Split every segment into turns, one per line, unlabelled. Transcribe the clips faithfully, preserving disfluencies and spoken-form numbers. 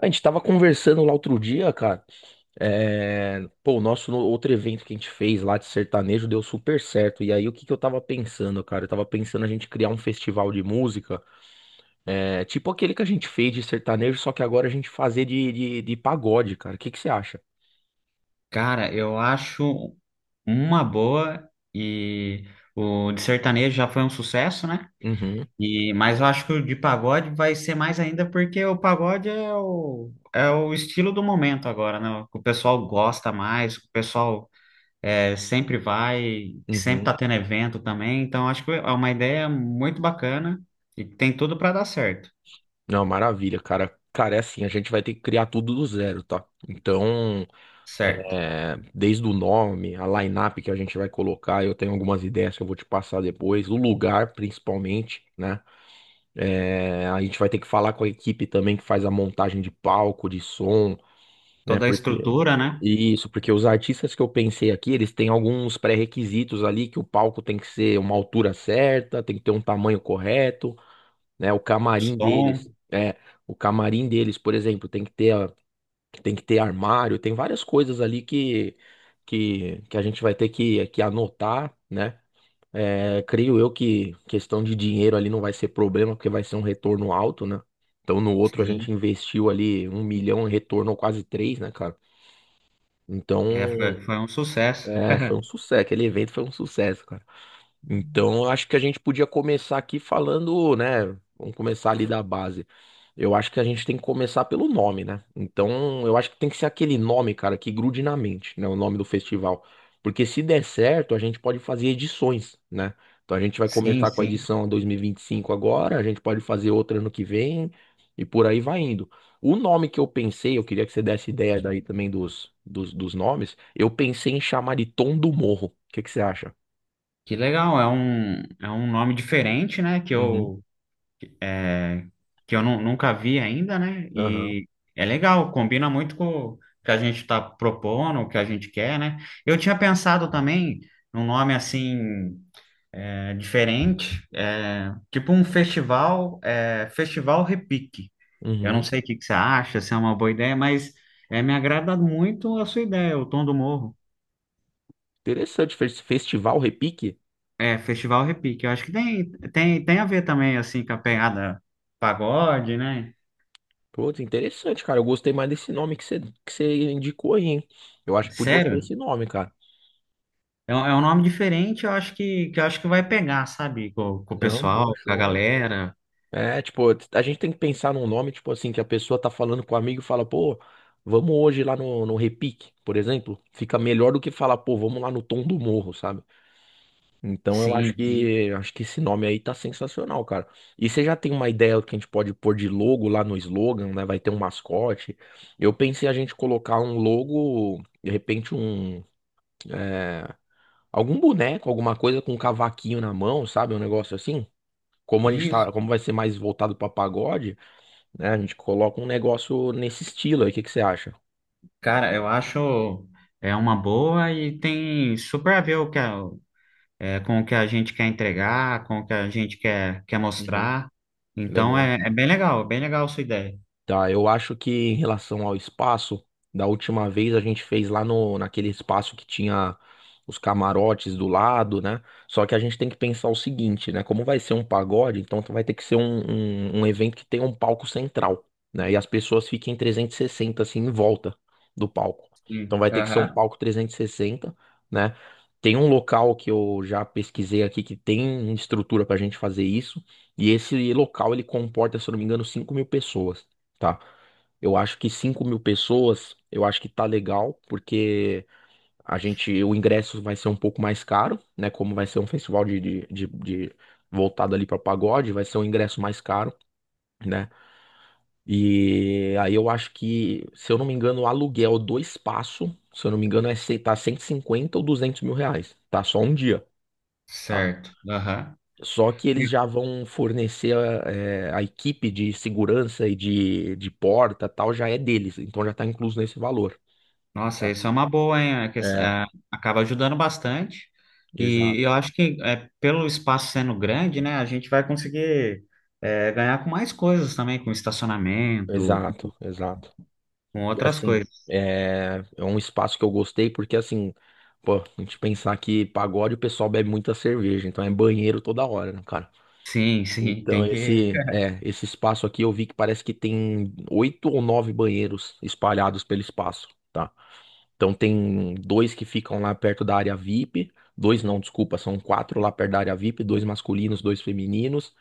A gente tava conversando lá outro dia, cara. É... Pô, o nosso no- outro evento que a gente fez lá de sertanejo deu super certo. E aí, o que que eu tava pensando, cara? Eu tava pensando a gente criar um festival de música, é... tipo aquele que a gente fez de sertanejo, só que agora a gente fazer de, de, de pagode, cara. O que que você acha?
Cara, eu acho uma boa. E o de sertanejo já foi um sucesso, né?
Uhum,
E, mas eu acho que o de pagode vai ser mais ainda, porque o pagode é o, é o estilo do momento agora, né? O que o pessoal gosta mais, o pessoal é, sempre vai, sempre
uhum.
tá tendo evento também. Então acho que é uma ideia muito bacana e que tem tudo para dar certo,
Não, maravilha, cara. Cara, é assim, a gente vai ter que criar tudo do zero, tá? Então.
certo?
É, desde o nome, a line-up que a gente vai colocar, eu tenho algumas ideias que eu vou te passar depois, o lugar principalmente, né? É, a gente vai ter que falar com a equipe também que faz a montagem de palco, de som, né?
Toda a
Porque
estrutura, né?
isso, porque os artistas que eu pensei aqui, eles têm alguns pré-requisitos ali que o palco tem que ser uma altura certa, tem que ter um tamanho correto, né? O
O
camarim
som,
deles, é, o camarim deles, por exemplo, tem que ter que tem que ter armário, tem várias coisas ali que, que, que a gente vai ter que, que anotar, né? É, creio eu que questão de dinheiro ali não vai ser problema, porque vai ser um retorno alto, né? Então no outro a gente
sim,
investiu ali um milhão e retornou quase três, né, cara?
é, foi,
Então,
foi um sucesso.
é, foi um sucesso. Aquele evento foi um sucesso, cara. Então, eu acho que a gente podia começar aqui falando, né? Vamos começar ali da base. Eu acho que a gente tem que começar pelo nome, né? Então, eu acho que tem que ser aquele nome, cara, que grude na mente, né? O nome do festival. Porque se der certo, a gente pode fazer edições, né? Então, a gente vai
Sim,
começar com a
sim.
edição dois mil e vinte e cinco agora, a gente pode fazer outra ano que vem e por aí vai indo. O nome que eu pensei, eu queria que você desse ideia daí também dos, dos, dos nomes, eu pensei em chamar de Tom do Morro. O que que você acha?
Que legal, é um, é um nome diferente, né? Que
Uhum.
eu, é, que eu nu- Nunca vi ainda, né?
Aham.
E é legal, combina muito com o que a gente está propondo, o que a gente quer, né? Eu tinha pensado também num nome assim, é, diferente, é, tipo um festival, é, Festival Repique. Eu não
Uhum.
sei o que que você acha, se é uma boa ideia, mas é, me agrada muito a sua ideia, o Tom do Morro.
Interessante, fes- Festival Repique.
É, Festival Repique. Eu acho que tem, tem, tem a ver também, assim, com a pegada pagode, né?
Pô, interessante, cara. Eu gostei mais desse nome que você que você indicou aí, hein? Eu acho que podia ser
Sério?
esse nome, cara.
É, um é um nome diferente, eu acho que, que eu acho que vai pegar, sabe? Com, com o
Não, bom
pessoal, com a
show.
galera.
É, tipo, a gente tem que pensar num nome, tipo assim, que a pessoa tá falando com o amigo e fala, pô, vamos hoje lá no, no Repique, por exemplo. Fica melhor do que falar, pô, vamos lá no Tom do Morro, sabe? Então eu acho
Sim, sim.
que acho que esse nome aí tá sensacional, cara. E você já tem uma ideia do que a gente pode pôr de logo lá no slogan, né? Vai ter um mascote. Eu pensei a gente colocar um logo, de repente um é, algum boneco, alguma coisa com um cavaquinho na mão, sabe? Um negócio assim. Como a gente
Isso.
tá, como vai ser mais voltado pra pagode, né? A gente coloca um negócio nesse estilo aí. O que que você acha?
Cara, eu acho, é uma boa e tem super a ver o que a- é, com o que a gente quer entregar, com o que a gente quer, quer
Uhum.
mostrar. Então
Legal.
é, é bem legal, bem legal a sua ideia.
Tá, eu acho que em relação ao espaço, da última vez a gente fez lá no, naquele espaço que tinha os camarotes do lado, né? Só que a gente tem que pensar o seguinte, né? Como vai ser um pagode, então vai ter que ser um, um, um evento que tenha um palco central, né? E as pessoas fiquem trezentos e sessenta, assim, em volta do palco. Então
Sim.
vai ter que ser um
Aham.
palco trezentos e sessenta, né? Tem um local que eu já pesquisei aqui que tem estrutura pra gente fazer isso. E esse local ele comporta, se eu não me engano, cinco mil pessoas tá? Eu acho que cinco mil pessoas, eu acho que tá legal, porque a gente, o ingresso vai ser um pouco mais caro, né? Como vai ser um festival de, de, de, de- voltado ali para pagode, vai ser um ingresso mais caro, né? E aí eu acho que, se eu não me engano, o aluguel do espaço, se eu não me engano, é se- tá cento e cinquenta ou duzentos mil reais, tá? Só um dia. Tá.
Certo. Aham.
Só que eles já vão fornecer a, é, a equipe de segurança e de, de porta, tal, já é deles, então já está incluso nesse valor.
Nossa,
Tá.
isso é uma boa, hein? É que,
É,
é, acaba ajudando bastante. E
exato,
eu acho que, é, pelo espaço sendo grande, né, a gente vai conseguir é, ganhar com mais coisas também, com estacionamento,
exato, exato.
com
E
outras
assim,
coisas.
é, é um espaço que eu gostei porque assim, pô, a gente pensar que pagode o pessoal bebe muita cerveja, então é banheiro toda hora, né, cara?
Sim, sim,
Então
tem que.
esse, é, esse espaço aqui eu vi que parece que tem oito ou nove banheiros espalhados pelo espaço. Tá? Então tem dois que ficam lá perto da área VIP. Dois não, desculpa, são quatro lá perto da área VIP, dois masculinos, dois femininos.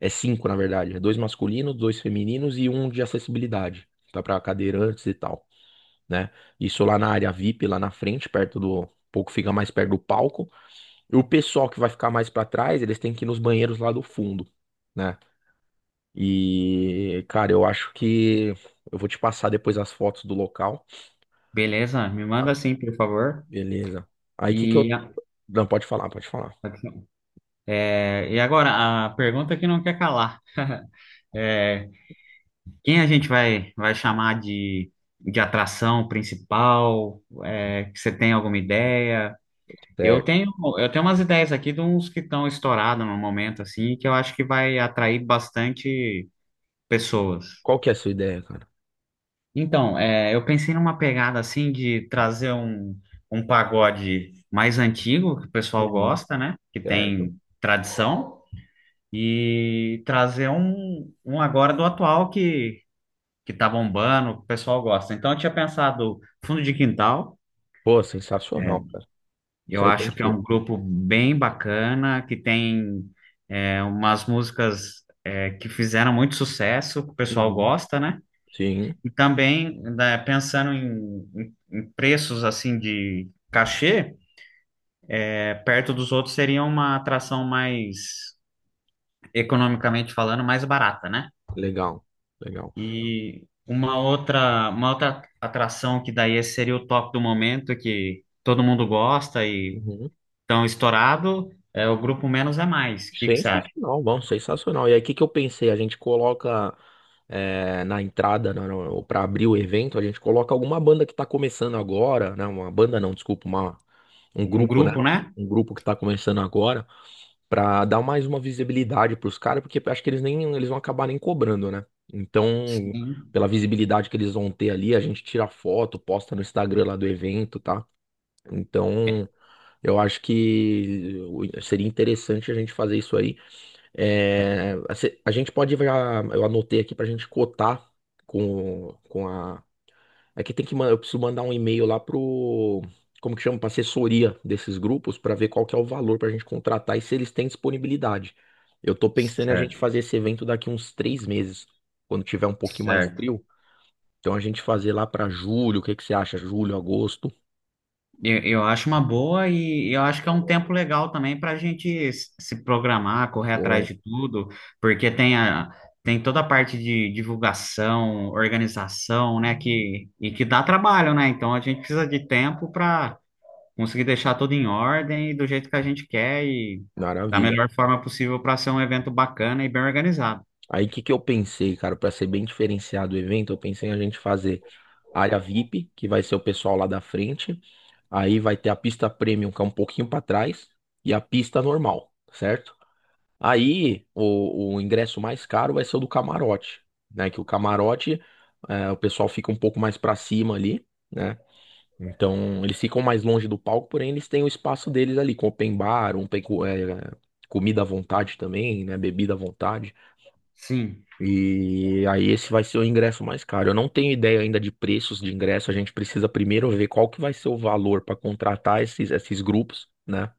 É cinco, na verdade. É dois masculinos, dois femininos e um de acessibilidade. Tá para cadeirantes e tal, né? Isso lá na área VIP, lá na frente, perto do. Um pouco fica mais perto do palco. E o pessoal que vai ficar mais para trás, eles têm que ir nos banheiros lá do fundo, né? E, cara, eu acho que eu vou te passar depois as fotos do local.
Beleza, me manda assim, por favor.
Beleza. Aí que que
E,
eu.
a-
Não, pode falar, pode falar.
é, e agora, a pergunta que não quer calar. É, quem a gente vai, vai chamar de, de atração principal? É, que você tem alguma ideia? Eu
Certo.
tenho, eu tenho umas ideias aqui de uns que estão estourados no momento, assim, que eu acho que vai atrair bastante pessoas.
Qual que é a sua ideia, cara?
Então, é, eu pensei numa pegada, assim, de trazer um, um pagode mais antigo, que o pessoal
Uhum,
gosta, né? Que
certo.
tem tradição, e trazer um, um agora do atual que, que tá bombando, que o pessoal gosta. Então, eu tinha pensado Fundo de Quintal.
Pô, sensacional, cara. Isso
Eu
aí tem
acho
que
que é
ter.
um grupo bem bacana, que tem, é, umas músicas, é, que fizeram muito sucesso, que o pessoal
Uhum,
gosta, né?
sim,
E também, né, pensando em, em- em preços assim de cachê, é, perto dos outros seria uma atração mais, economicamente falando, mais barata, né?
legal, legal.
E uma outra, uma outra atração que daí seria o top do momento, que todo mundo gosta e
Uhum,
tão estourado, é o grupo Menos é Mais. O que que você acha?
sensacional, bom, sensacional. E aí, o que que eu pensei? A gente coloca é, na entrada, para abrir o evento, a gente coloca alguma banda que tá começando agora, né? Uma banda não, desculpa, uma, um
Um
grupo, né?
grupo, né?
Um grupo que tá começando agora. Pra dar mais uma visibilidade pros caras, porque acho que eles nem eles vão acabar nem cobrando, né? Então,
Sim.
pela visibilidade que eles vão ter ali, a gente tira foto, posta no Instagram lá do evento, tá?
É,
Então, eu acho que o- seria interessante a gente fazer isso aí.
é.
É, a se- a gente pode, já- eu anotei aqui pra gente cotar com, com a é que tem que, man- eu preciso mandar um e-mail lá pro, como que chama, pra assessoria desses grupos pra ver qual que é o valor pra gente contratar e se eles têm disponibilidade. Eu tô pensando em a gente
Certo,
fazer esse evento daqui uns três meses, quando tiver um pouquinho mais
certo.
frio. Então a gente fazer lá pra julho, o que que você acha? Julho, agosto?
Eu, eu acho uma boa e eu acho que é um tempo legal também para a gente s- se programar, correr atrás
Show.
de tudo, porque tem a, tem toda a parte de divulgação, organização, né, que, e que dá trabalho, né? Então a gente precisa de tempo para conseguir deixar tudo em ordem e do jeito que a gente quer e da
Maravilha.
melhor forma possível para ser um evento bacana e bem organizado.
Aí o que que eu pensei, cara, para ser bem diferenciado o evento, eu pensei em a gente fazer área VIP, que vai ser o pessoal lá da frente. Aí vai ter a pista premium, que é um pouquinho para trás, e a pista normal, certo? Aí o, o ingresso mais caro vai ser o do camarote, né? Que o camarote, é, o pessoal fica um pouco mais para cima ali, né? Então eles ficam mais longe do palco, porém eles têm o espaço deles ali, com open bar, um, pe- co- é, comida à vontade também, né? Bebida à vontade.
Sim,
E aí esse vai ser o ingresso mais caro. Eu não tenho ideia ainda de preços de ingresso. A gente precisa primeiro ver qual que vai ser o valor para contratar esses, esses grupos, né?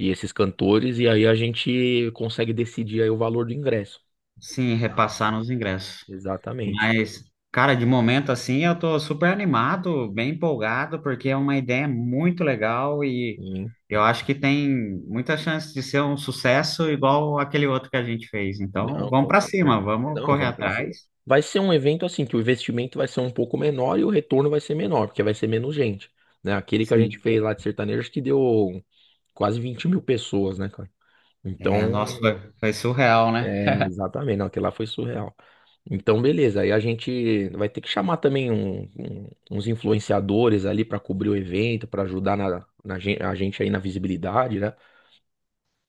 E esses cantores. E aí a gente consegue decidir aí o valor do ingresso.
sim,
Tá.
repassar nos ingressos.
Exatamente.
Mas, cara, de momento assim, eu tô super animado, bem empolgado, porque é uma ideia muito legal e
Sim.
eu acho que tem muita chance de ser um sucesso igual aquele outro que a gente fez. Então,
Não,
vamos
com
para
certeza.
cima, vamos
Não,
correr
vamos pra cima.
atrás.
Vai ser um evento assim que o investimento vai ser um pouco menor e o retorno vai ser menor, porque vai ser menos gente, né? Aquele que a gente
Sim.
fez lá de sertanejo que deu quase vinte mil pessoas, né, cara?
É, nossa,
Então,
foi, foi surreal, né?
é, exatamente, não, aquilo lá foi surreal. Então, beleza, aí a gente vai ter que chamar também um- um- uns influenciadores ali para cobrir o evento, para ajudar na, na gen- a gente aí na visibilidade, né?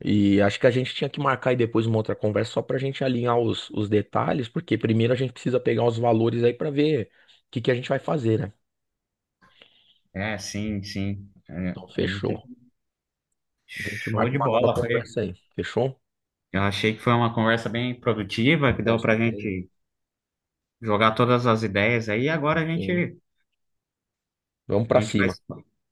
E acho que a gente tinha que marcar aí depois uma outra conversa só para a gente alinhar os, os detalhes, porque primeiro a gente precisa pegar os valores aí para ver o que que a gente vai fazer, né?
É, sim, sim. É,
Então,
a gente tem-
fechou. A gente
show
marca
de
uma nova
bola, foi.
conversa aí, fechou?
Eu achei que foi uma conversa bem produtiva, que
Com
deu pra
certeza.
gente jogar todas as ideias aí, agora a
Sim.
gente,
Vamos
a
para
gente vai,
cima.
se-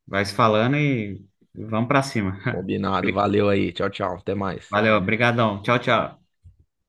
vai se falando e vamos pra cima.
Combinado, valeu aí, tchau, tchau, até mais.
Valeu, obrigadão. Tchau, tchau.